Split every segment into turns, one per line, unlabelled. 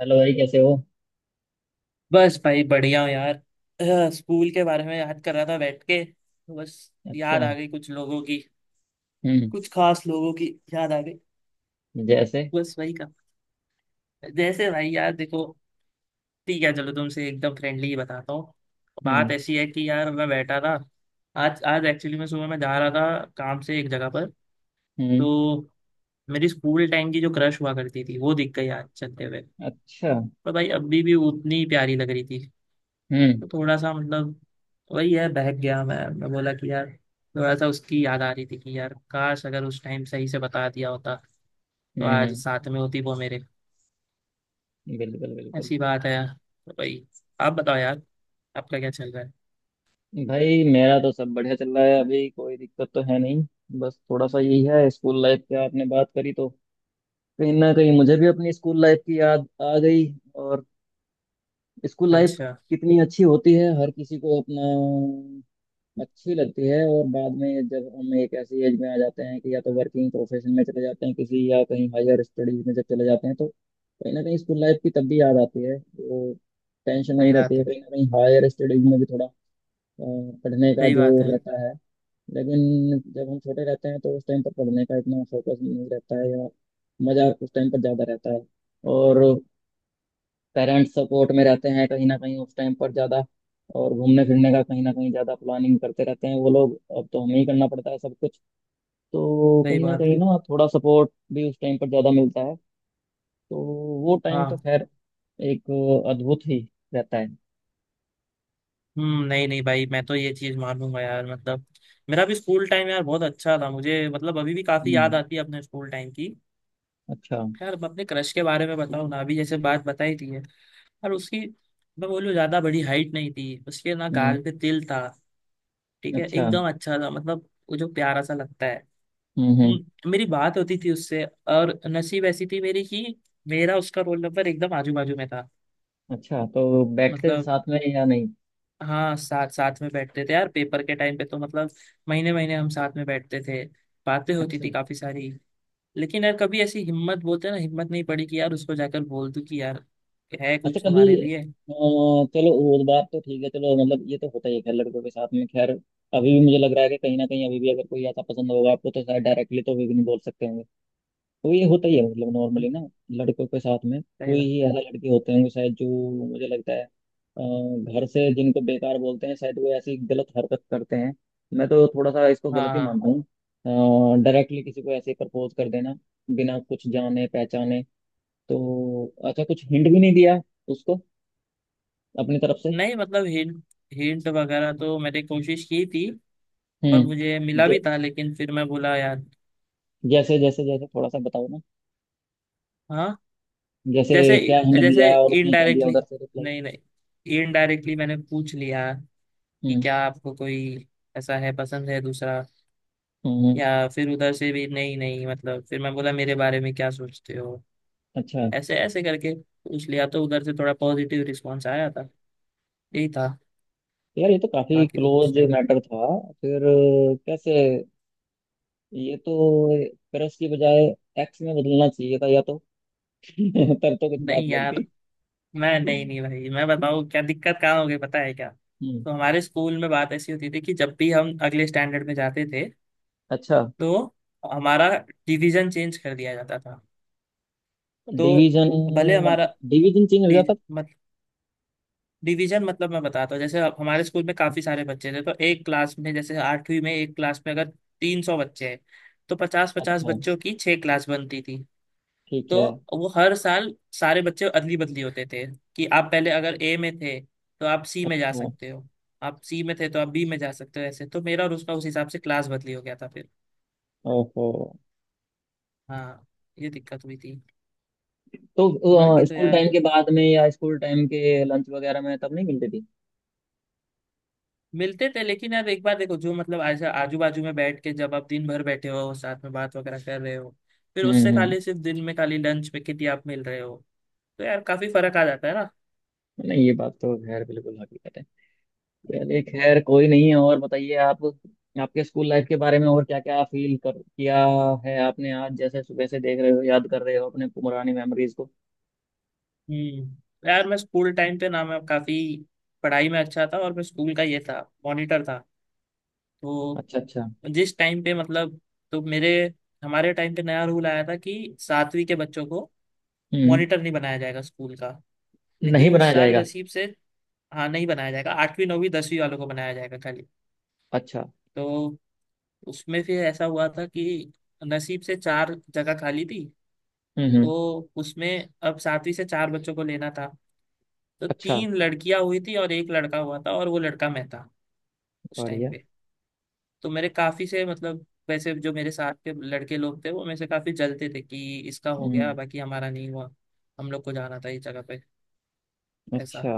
Hello भाई, कैसे हो?
बस भाई बढ़िया हूँ यार। स्कूल के बारे में याद कर रहा था बैठ के। बस याद
अच्छा।
आ गई कुछ लोगों की,
हम्म।
कुछ खास लोगों की याद आ गई।
जैसे?
बस वही का। जैसे भाई यार देखो, ठीक है चलो तुमसे एकदम फ्रेंडली ही बताता हूँ। बात
हम्म
ऐसी है कि यार मैं बैठा था। आज आज एक्चुअली मैं सुबह मैं जा रहा था काम से एक जगह पर।
हम्म।
तो मेरी स्कूल टाइम की जो क्रश हुआ करती थी वो दिख गई आज चलते हुए।
अच्छा।
पर भाई अभी भी उतनी ही प्यारी लग रही थी।
हम्म
तो थोड़ा सा मतलब वही है, बहक गया, मैं बोला कि यार थोड़ा सा उसकी याद आ रही थी कि यार काश अगर उस टाइम सही से बता दिया होता तो
हम्म
आज
हम्म,
साथ में होती वो मेरे।
बिल्कुल बिल्कुल।
ऐसी बात है यार। तो भाई आप बताओ यार, आपका क्या चल रहा है?
भाई मेरा तो सब बढ़िया चल रहा है, अभी कोई दिक्कत तो है नहीं। बस थोड़ा सा यही है, स्कूल लाइफ पे आपने बात करी तो कहीं ना कहीं मुझे भी अपनी स्कूल लाइफ की याद आ गई। और स्कूल लाइफ
अच्छा।
कितनी अच्छी होती है, हर किसी को अपना अच्छी लगती है। और बाद में जब हम एक ऐसी एज में आ जाते हैं कि या तो वर्किंग प्रोफेशन में चले जाते हैं किसी, या कहीं हायर स्टडीज में जब चले जाते हैं, तो कहीं ना कहीं स्कूल लाइफ की तब भी याद आती है। वो टेंशन
सही
नहीं रहती
बात
है,
है।
कहीं ना कहीं हायर स्टडीज में भी थोड़ा अ, पढ़ने का
सही बात
जोर
है।
रहता है। लेकिन जब हम छोटे रहते हैं तो उस टाइम पर पढ़ने का इतना फोकस नहीं रहता है, या मजा उस टाइम पर ज्यादा रहता है। और पेरेंट्स सपोर्ट में रहते हैं कहीं ना कहीं उस टाइम पर ज़्यादा, और घूमने फिरने का कहीं ना कहीं ज़्यादा प्लानिंग करते रहते हैं वो लोग, अब तो हमें ही करना पड़ता है सब कुछ। तो
सही बात
कहीं
है।
ना थोड़ा सपोर्ट भी उस टाइम पर ज़्यादा मिलता है। तो वो टाइम तो
हाँ।
खैर एक अद्भुत ही रहता है।
हम्म। नहीं नहीं भाई मैं तो ये चीज मानूंगा यार, मतलब मेरा भी स्कूल टाइम यार बहुत अच्छा था मुझे, मतलब अभी भी काफी याद
हम्म।
आती है अपने स्कूल टाइम की।
अच्छा।
यार अब अपने क्रश के बारे में बताओ ना, अभी जैसे बात बताई थी है। और उसकी, मैं बोलूँ, ज्यादा बड़ी हाइट नहीं थी उसके, ना
हम्म।
गाल पे तिल था। ठीक है
अच्छा।
एकदम अच्छा था, मतलब वो जो प्यारा सा लगता है।
हम्म।
मेरी बात होती थी उससे। और नसीब ऐसी थी मेरी कि मेरा उसका रोल नंबर एकदम आजू बाजू में था।
अच्छा, तो बैठते थे
मतलब
साथ में या नहीं?
हाँ, साथ साथ में बैठते थे यार। पेपर के टाइम पे तो मतलब महीने महीने हम साथ में बैठते थे, बातें होती
अच्छा।
थी काफी सारी। लेकिन यार कभी ऐसी हिम्मत, बोलते हैं ना, हिम्मत नहीं पड़ी कि यार उसको जाकर बोल दूं कि यार है
अच्छा,
कुछ
कभी
तुम्हारे लिए।
अ, चलो वो बात तो ठीक है। चलो, मतलब ये तो होता ही है खैर लड़कों के साथ में। खैर, अभी भी मुझे लग रहा है कि कहीं ना कहीं अभी भी अगर कोई ऐसा पसंद होगा आपको तो शायद डायरेक्टली तो अभी भी नहीं बोल सकते होंगे। तो ये होता ही है, मतलब नॉर्मली
हम्म।
ना, लड़कों के साथ में।
सही
कोई
बात।
ही ऐसा लड़के होते होंगे शायद जो मुझे लगता है घर से जिनको बेकार बोलते हैं, शायद वो ऐसी गलत हरकत करते हैं। मैं तो थोड़ा सा इसको गलत ही
हाँ।
मानता हूँ, डायरेक्टली किसी को ऐसे प्रपोज कर देना बिना कुछ जाने पहचाने। तो अच्छा, कुछ हिंट भी नहीं दिया उसको अपनी तरफ से?
नहीं मतलब हिंट हिंट वगैरह तो मैंने कोशिश की थी और मुझे
हम्म।
मिला भी था, लेकिन फिर मैं बोला यार।
जैसे जैसे जैसे थोड़ा सा बताओ ना।
हाँ।
जैसे
जैसे
क्या हिंट
जैसे।
दिया और उसने क्या दिया
इनडायरेक्टली,
उधर से रिप्लाई?
नहीं नहीं, इनडायरेक्टली मैंने पूछ लिया कि
हम्म
क्या आपको कोई ऐसा है, पसंद है दूसरा,
हम्म।
या फिर उधर से भी। नहीं नहीं मतलब फिर मैं बोला मेरे बारे में क्या सोचते हो,
अच्छा,
ऐसे ऐसे करके पूछ लिया तो उधर से थोड़ा पॉजिटिव रिस्पॉन्स आया था। यही था,
तो यार ये तो काफी
बाकी तो कुछ
क्लोज
नहीं।
मैटर था। फिर कैसे? ये तो क्रश की बजाय एक्स में बदलना चाहिए था या तो। तब तो कुछ
नहीं
बात
यार
लगती।
मैं, नहीं नहीं भाई मैं बताऊँ क्या दिक्कत कहाँ हो गई, पता है क्या?
हम्म।
तो हमारे स्कूल में बात ऐसी होती थी कि जब भी हम अगले स्टैंडर्ड में जाते थे
अच्छा।
तो हमारा डिवीजन चेंज कर दिया जाता था। तो
डिवीजन?
भले
मतलब
हमारा
डिवीजन चेंज हो
डि-
जाता?
डिवीजन, मतलब मैं बताता हूँ, जैसे अब हमारे स्कूल में काफी सारे बच्चे थे तो एक क्लास में, जैसे आठवीं में एक क्लास में अगर 300 बच्चे हैं तो 50-50
अच्छा।
बच्चों की छह क्लास बनती थी।
ठीक
तो
है।
वो हर साल सारे बच्चे अदली बदली होते थे कि आप पहले अगर ए में थे तो आप सी में जा
अच्छा।
सकते हो, आप सी में थे तो आप बी में जा सकते हो। ऐसे तो मेरा और उसका उस हिसाब से क्लास बदली हो गया था फिर।
ओहो,
हाँ, ये दिक्कत हुई थी।
तो
बाकी तो
स्कूल
यार
टाइम के बाद में या स्कूल टाइम के लंच वगैरह में तब नहीं मिलती थी?
मिलते थे, लेकिन यार एक बार देखो जो मतलब ऐसा आजू बाजू में बैठ के जब आप दिन भर बैठे हो साथ में, बात वगैरह कर रहे हो, फिर
हम्म
उससे
हम्म।
खाली सिर्फ दिन में खाली लंच में कितनी आप मिल रहे हो, तो यार काफी फर्क आ जाता है ना।
नहीं, ये बात तो खैर बिल्कुल हकीकत है। चलिए, खैर कोई नहीं है। और बताइए आप, आपके स्कूल लाइफ के बारे में और क्या क्या फील कर किया है आपने, आज जैसे सुबह से देख रहे हो याद कर रहे हो अपने पुरानी मेमोरीज को।
हम्म, यार मैं स्कूल टाइम पे ना मैं काफी पढ़ाई में अच्छा था, और मैं स्कूल का ये था, मॉनिटर था। तो
अच्छा अच्छा।
जिस टाइम पे मतलब, तो मेरे हमारे टाइम पे नया रूल आया था कि सातवीं के बच्चों को
हम्म।
मॉनिटर नहीं बनाया जाएगा स्कूल का।
नहीं
लेकिन उस
बनाया
साल
जाएगा?
नसीब से, हाँ नहीं बनाया जाएगा, आठवीं नौवीं 10वीं वालों को बनाया जाएगा खाली।
अच्छा।
तो उसमें फिर ऐसा हुआ था कि नसीब से चार जगह खाली थी।
हम्म।
तो उसमें अब सातवीं से चार बच्चों को लेना था। तो
अच्छा।
तीन लड़कियां हुई थी और एक लड़का हुआ था, और वो लड़का मैं था उस टाइम
बढ़िया।
पे। तो मेरे काफी से मतलब, वैसे जो मेरे साथ के लड़के लोग थे वो मेरे से काफी जलते थे कि इसका हो गया
हम्म।
बाकी हमारा नहीं हुआ, हम लोग को जाना था इस जगह पे, ऐसा।
अच्छा।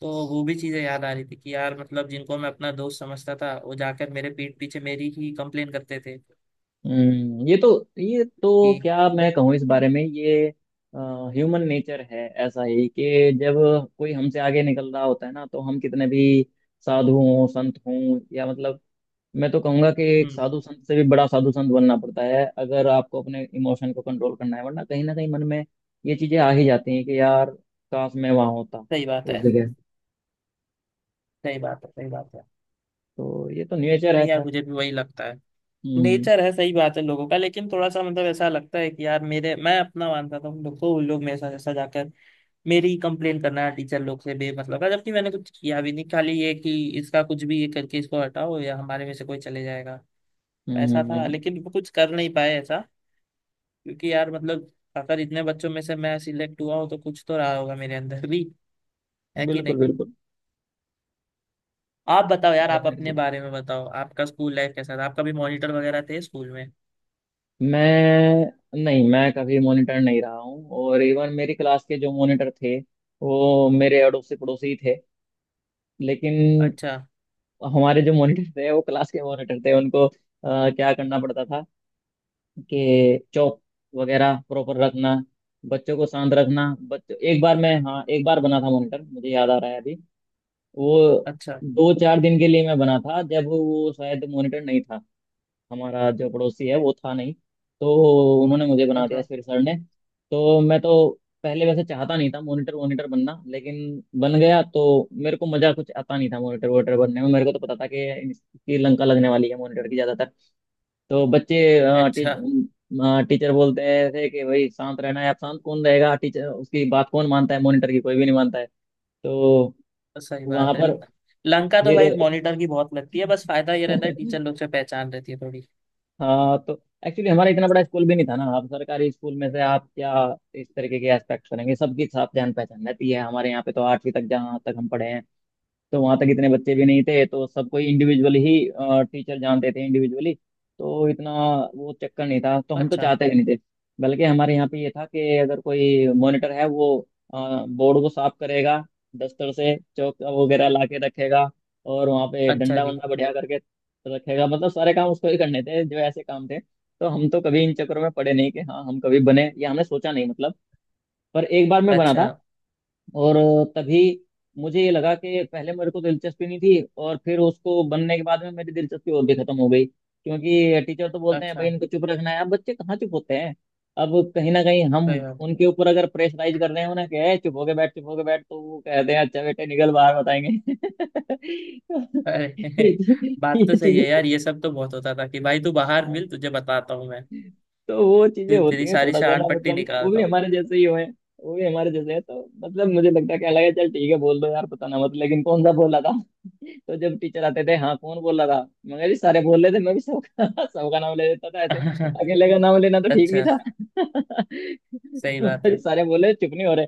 तो वो भी चीजें याद आ रही थी कि यार मतलब जिनको मैं अपना दोस्त समझता था वो जाकर मेरे पीठ पीछे मेरी ही कंप्लेन करते थे
हम्म, ये तो
कि।
क्या मैं कहूँ इस बारे में, ये ह्यूमन नेचर है ऐसा ही कि जब कोई हमसे आगे निकल रहा होता है ना तो हम कितने भी साधु हों संत हों, या मतलब मैं तो कहूँगा कि एक
हम्म।
साधु संत से भी बड़ा साधु संत बनना पड़ता है अगर आपको अपने इमोशन को कंट्रोल करना है, वरना कहीं ना कहीं मन में ये चीजें आ ही जाती हैं कि यार काश मैं वहां होता
सही बात
उस
है।
जगह।
सही बात है। सही बात है।
तो ये तो नेचर है
नहीं यार
खैर।
मुझे भी वही लगता है,
हम्म
नेचर है, सही बात है लोगों का। लेकिन थोड़ा सा मतलब ऐसा लगता है कि यार मेरे, मैं अपना मानता था उन लोग को, उन लोग मेरे साथ ऐसा जाकर मेरी ही कंप्लेन करना टीचर लोग से, बेमतलब का, जबकि मैंने कुछ किया भी नहीं। खाली ये कि इसका कुछ भी ये करके इसको हटाओ या हमारे में से कोई चले जाएगा,
हम्म
ऐसा
हम्म,
था।
हम्म, हम्म,
लेकिन वो कुछ कर नहीं पाए ऐसा, क्योंकि यार मतलब अगर इतने बच्चों में से मैं सिलेक्ट हुआ हूँ तो कुछ तो रहा होगा मेरे अंदर भी, है कि
बिल्कुल
नहीं?
बिल्कुल।
आप बताओ यार, आप अपने
डेफिनेटली।
बारे में बताओ, आपका स्कूल लाइफ कैसा था? आपका भी मॉनिटर वगैरह थे स्कूल में?
मैं नहीं, मैं कभी मॉनिटर नहीं रहा हूँ, और इवन मेरी क्लास के जो मॉनिटर थे वो मेरे अड़ोसी पड़ोसी ही थे। लेकिन
अच्छा
हमारे जो मॉनिटर थे, वो क्लास के मॉनिटर थे, उनको क्या करना पड़ता था कि चौक वगैरह प्रॉपर रखना, बच्चों को शांत रखना। बच्चों, एक बार मैं, हाँ एक बार बना था मॉनिटर मुझे याद आ रहा है अभी वो,
अच्छा।
दो चार दिन के लिए मैं बना था जब वो शायद मॉनिटर नहीं था, हमारा जो पड़ोसी है वो था नहीं। तो उन्होंने मुझे बना दिया
अच्छा
फिर सर ने। तो मैं तो पहले वैसे चाहता नहीं था मॉनिटर वॉनिटर बनना, लेकिन बन गया तो मेरे को मजा कुछ आता नहीं था मॉनिटर वॉनिटर बनने में। मेरे को तो पता था कि इसकी लंका लगने वाली है मॉनिटर की ज्यादातर। तो बच्चे,
अच्छा।
टीचर बोलते थे कि भाई शांत रहना है आप। शांत कौन रहेगा टीचर, उसकी बात कौन मानता है? मॉनिटर की कोई भी नहीं मानता है। तो
तो सही
वहां
बात है,
पर
लंका तो
फिर
भाई मॉनिटर की बहुत लगती है, बस फायदा ये रहता है टीचर लोग से पहचान रहती है थोड़ी।
हाँ। तो एक्चुअली हमारा इतना बड़ा स्कूल भी नहीं था ना, आप सरकारी स्कूल में से आप क्या इस तरीके के एस्पेक्ट करेंगे? सबकी आप जान पहचान रहती है हमारे यहाँ पे, तो आठवीं तक जहाँ तक हम पढ़े हैं तो वहां तक इतने बच्चे भी नहीं थे, तो सबको इंडिविजुअल ही टीचर जानते थे, इंडिविजुअली। तो इतना वो चक्कर नहीं था, तो हम तो
अच्छा
चाहते भी नहीं थे। बल्कि हमारे यहाँ पे ये था कि अगर कोई मॉनिटर है वो बोर्ड को साफ करेगा, दस्तर से चौक वगैरह ला के रखेगा, और वहाँ पे
अच्छा
डंडा
जी।
वंडा बढ़िया करके रखेगा। मतलब सारे काम उसको ही करने थे जो ऐसे काम थे, तो हम तो कभी इन चक्करों में पड़े नहीं कि हाँ हम कभी बने या हमने सोचा, नहीं। मतलब पर एक बार मैं बना
अच्छा
था, और तभी मुझे ये लगा कि पहले मेरे को दिलचस्पी नहीं थी, और फिर उसको बनने के बाद में मेरी दिलचस्पी और भी खत्म हो गई, क्योंकि टीचर तो बोलते हैं
अच्छा।
भाई इनको चुप रखना है। अब बच्चे कहाँ चुप होते हैं? अब कहीं ना कहीं हम
सही बात।
उनके ऊपर अगर प्रेशराइज कर रहे हैं, उन्हें कहे चुप होके बैठ चुप होके बैठ, तो वो कहते हैं अच्छा बेटे निकल बाहर बताएंगे।
अरे
ये चीज
बात
ये
तो सही
चीज,
है यार, ये सब तो बहुत होता था कि भाई तू बाहर मिल, तुझे बताता हूँ मैं,
तो वो चीजें होती
तेरी
हैं
सारी
थोड़ा सा ना,
शान पट्टी
मतलब वो
निकालता
भी
हूँ।
हमारे जैसे ही हुए हैं, वो भी हमारे जैसे हैं, तो मतलब मुझे लगता है क्या लगा, चल ठीक है बोल दो यार पता ना मत, लेकिन कौन सा बोला था? तो जब टीचर आते थे, हाँ कौन बोला था? मगर जी सारे बोल रहे थे, मैं भी सबका सबका नाम ले लेता था ऐसे, अकेले का नाम लेना तो ठीक नहीं
अच्छा।
था।
सही
तो
बात
जी
है।
सारे बोले चुप नहीं हो रहे।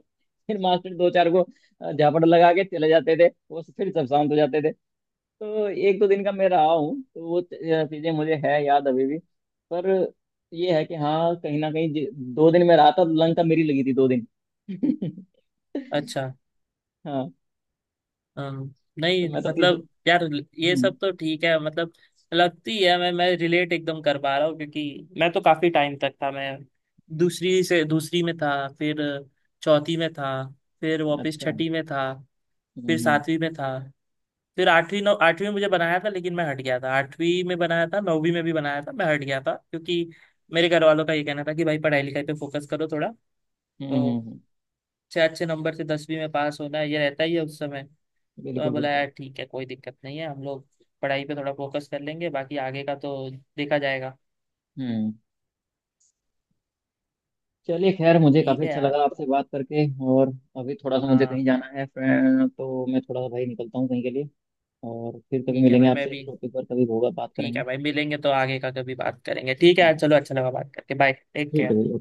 फिर मास्टर दो चार को झापड़ लगा के चले जाते थे वो, फिर सब शांत हो जाते थे। तो एक दो दिन का मैं रहा हूँ, तो वो चीज़ें मुझे है याद अभी भी। पर ये है कि हाँ कहीं ना कहीं दो दिन में रहा था लंका मेरी लगी थी दो दिन।
अच्छा।
हाँ,
हम्म।
तो
नहीं
मैं तो तीसरे,
मतलब यार ये
हम्म।
सब तो ठीक है, मतलब लगती है, मैं रिलेट एकदम कर पा रहा हूँ, क्योंकि मैं तो काफी टाइम तक था मैं। दूसरी से दूसरी में था, फिर चौथी में था, फिर वापस
अच्छा।
छठी में था, फिर
हम्म
सातवीं में था, फिर आठवीं नौ आठवीं में मुझे बनाया था, लेकिन मैं हट गया था। आठवीं में बनाया था, नौवीं में भी बनाया था, मैं हट गया था, क्योंकि मेरे घर वालों का ये कहना था कि भाई पढ़ाई लिखाई पे फोकस करो थोड़ा,
हम्म हम्म,
तो
हम्म,
अच्छे अच्छे नंबर से 10वीं में पास होना है, ये रहता ही है उस समय। तो मैं
बिल्कुल
बोला
बिल्कुल।
यार ठीक है कोई दिक्कत नहीं है, हम लोग पढ़ाई पे थोड़ा फोकस कर लेंगे, बाकी आगे का तो देखा जाएगा।
हम्म। चलिए, खैर मुझे
ठीक
काफ़ी
है
अच्छा
यार।
लगा आपसे बात करके। और अभी थोड़ा सा मुझे कहीं
हाँ।
जाना है फ्रेंड, तो मैं थोड़ा सा भाई निकलता हूँ कहीं के लिए। और फिर कभी
ठीक है
मिलेंगे
भाई, मैं
आपसे, इस
भी।
टॉपिक पर कभी होगा बात
ठीक
करेंगे।
है भाई मिलेंगे तो आगे का कभी बात करेंगे, ठीक है यार,
हाँ,
चलो, अच्छा लगा बात करके, बाय, टेक
ठीक है
केयर।
भैया।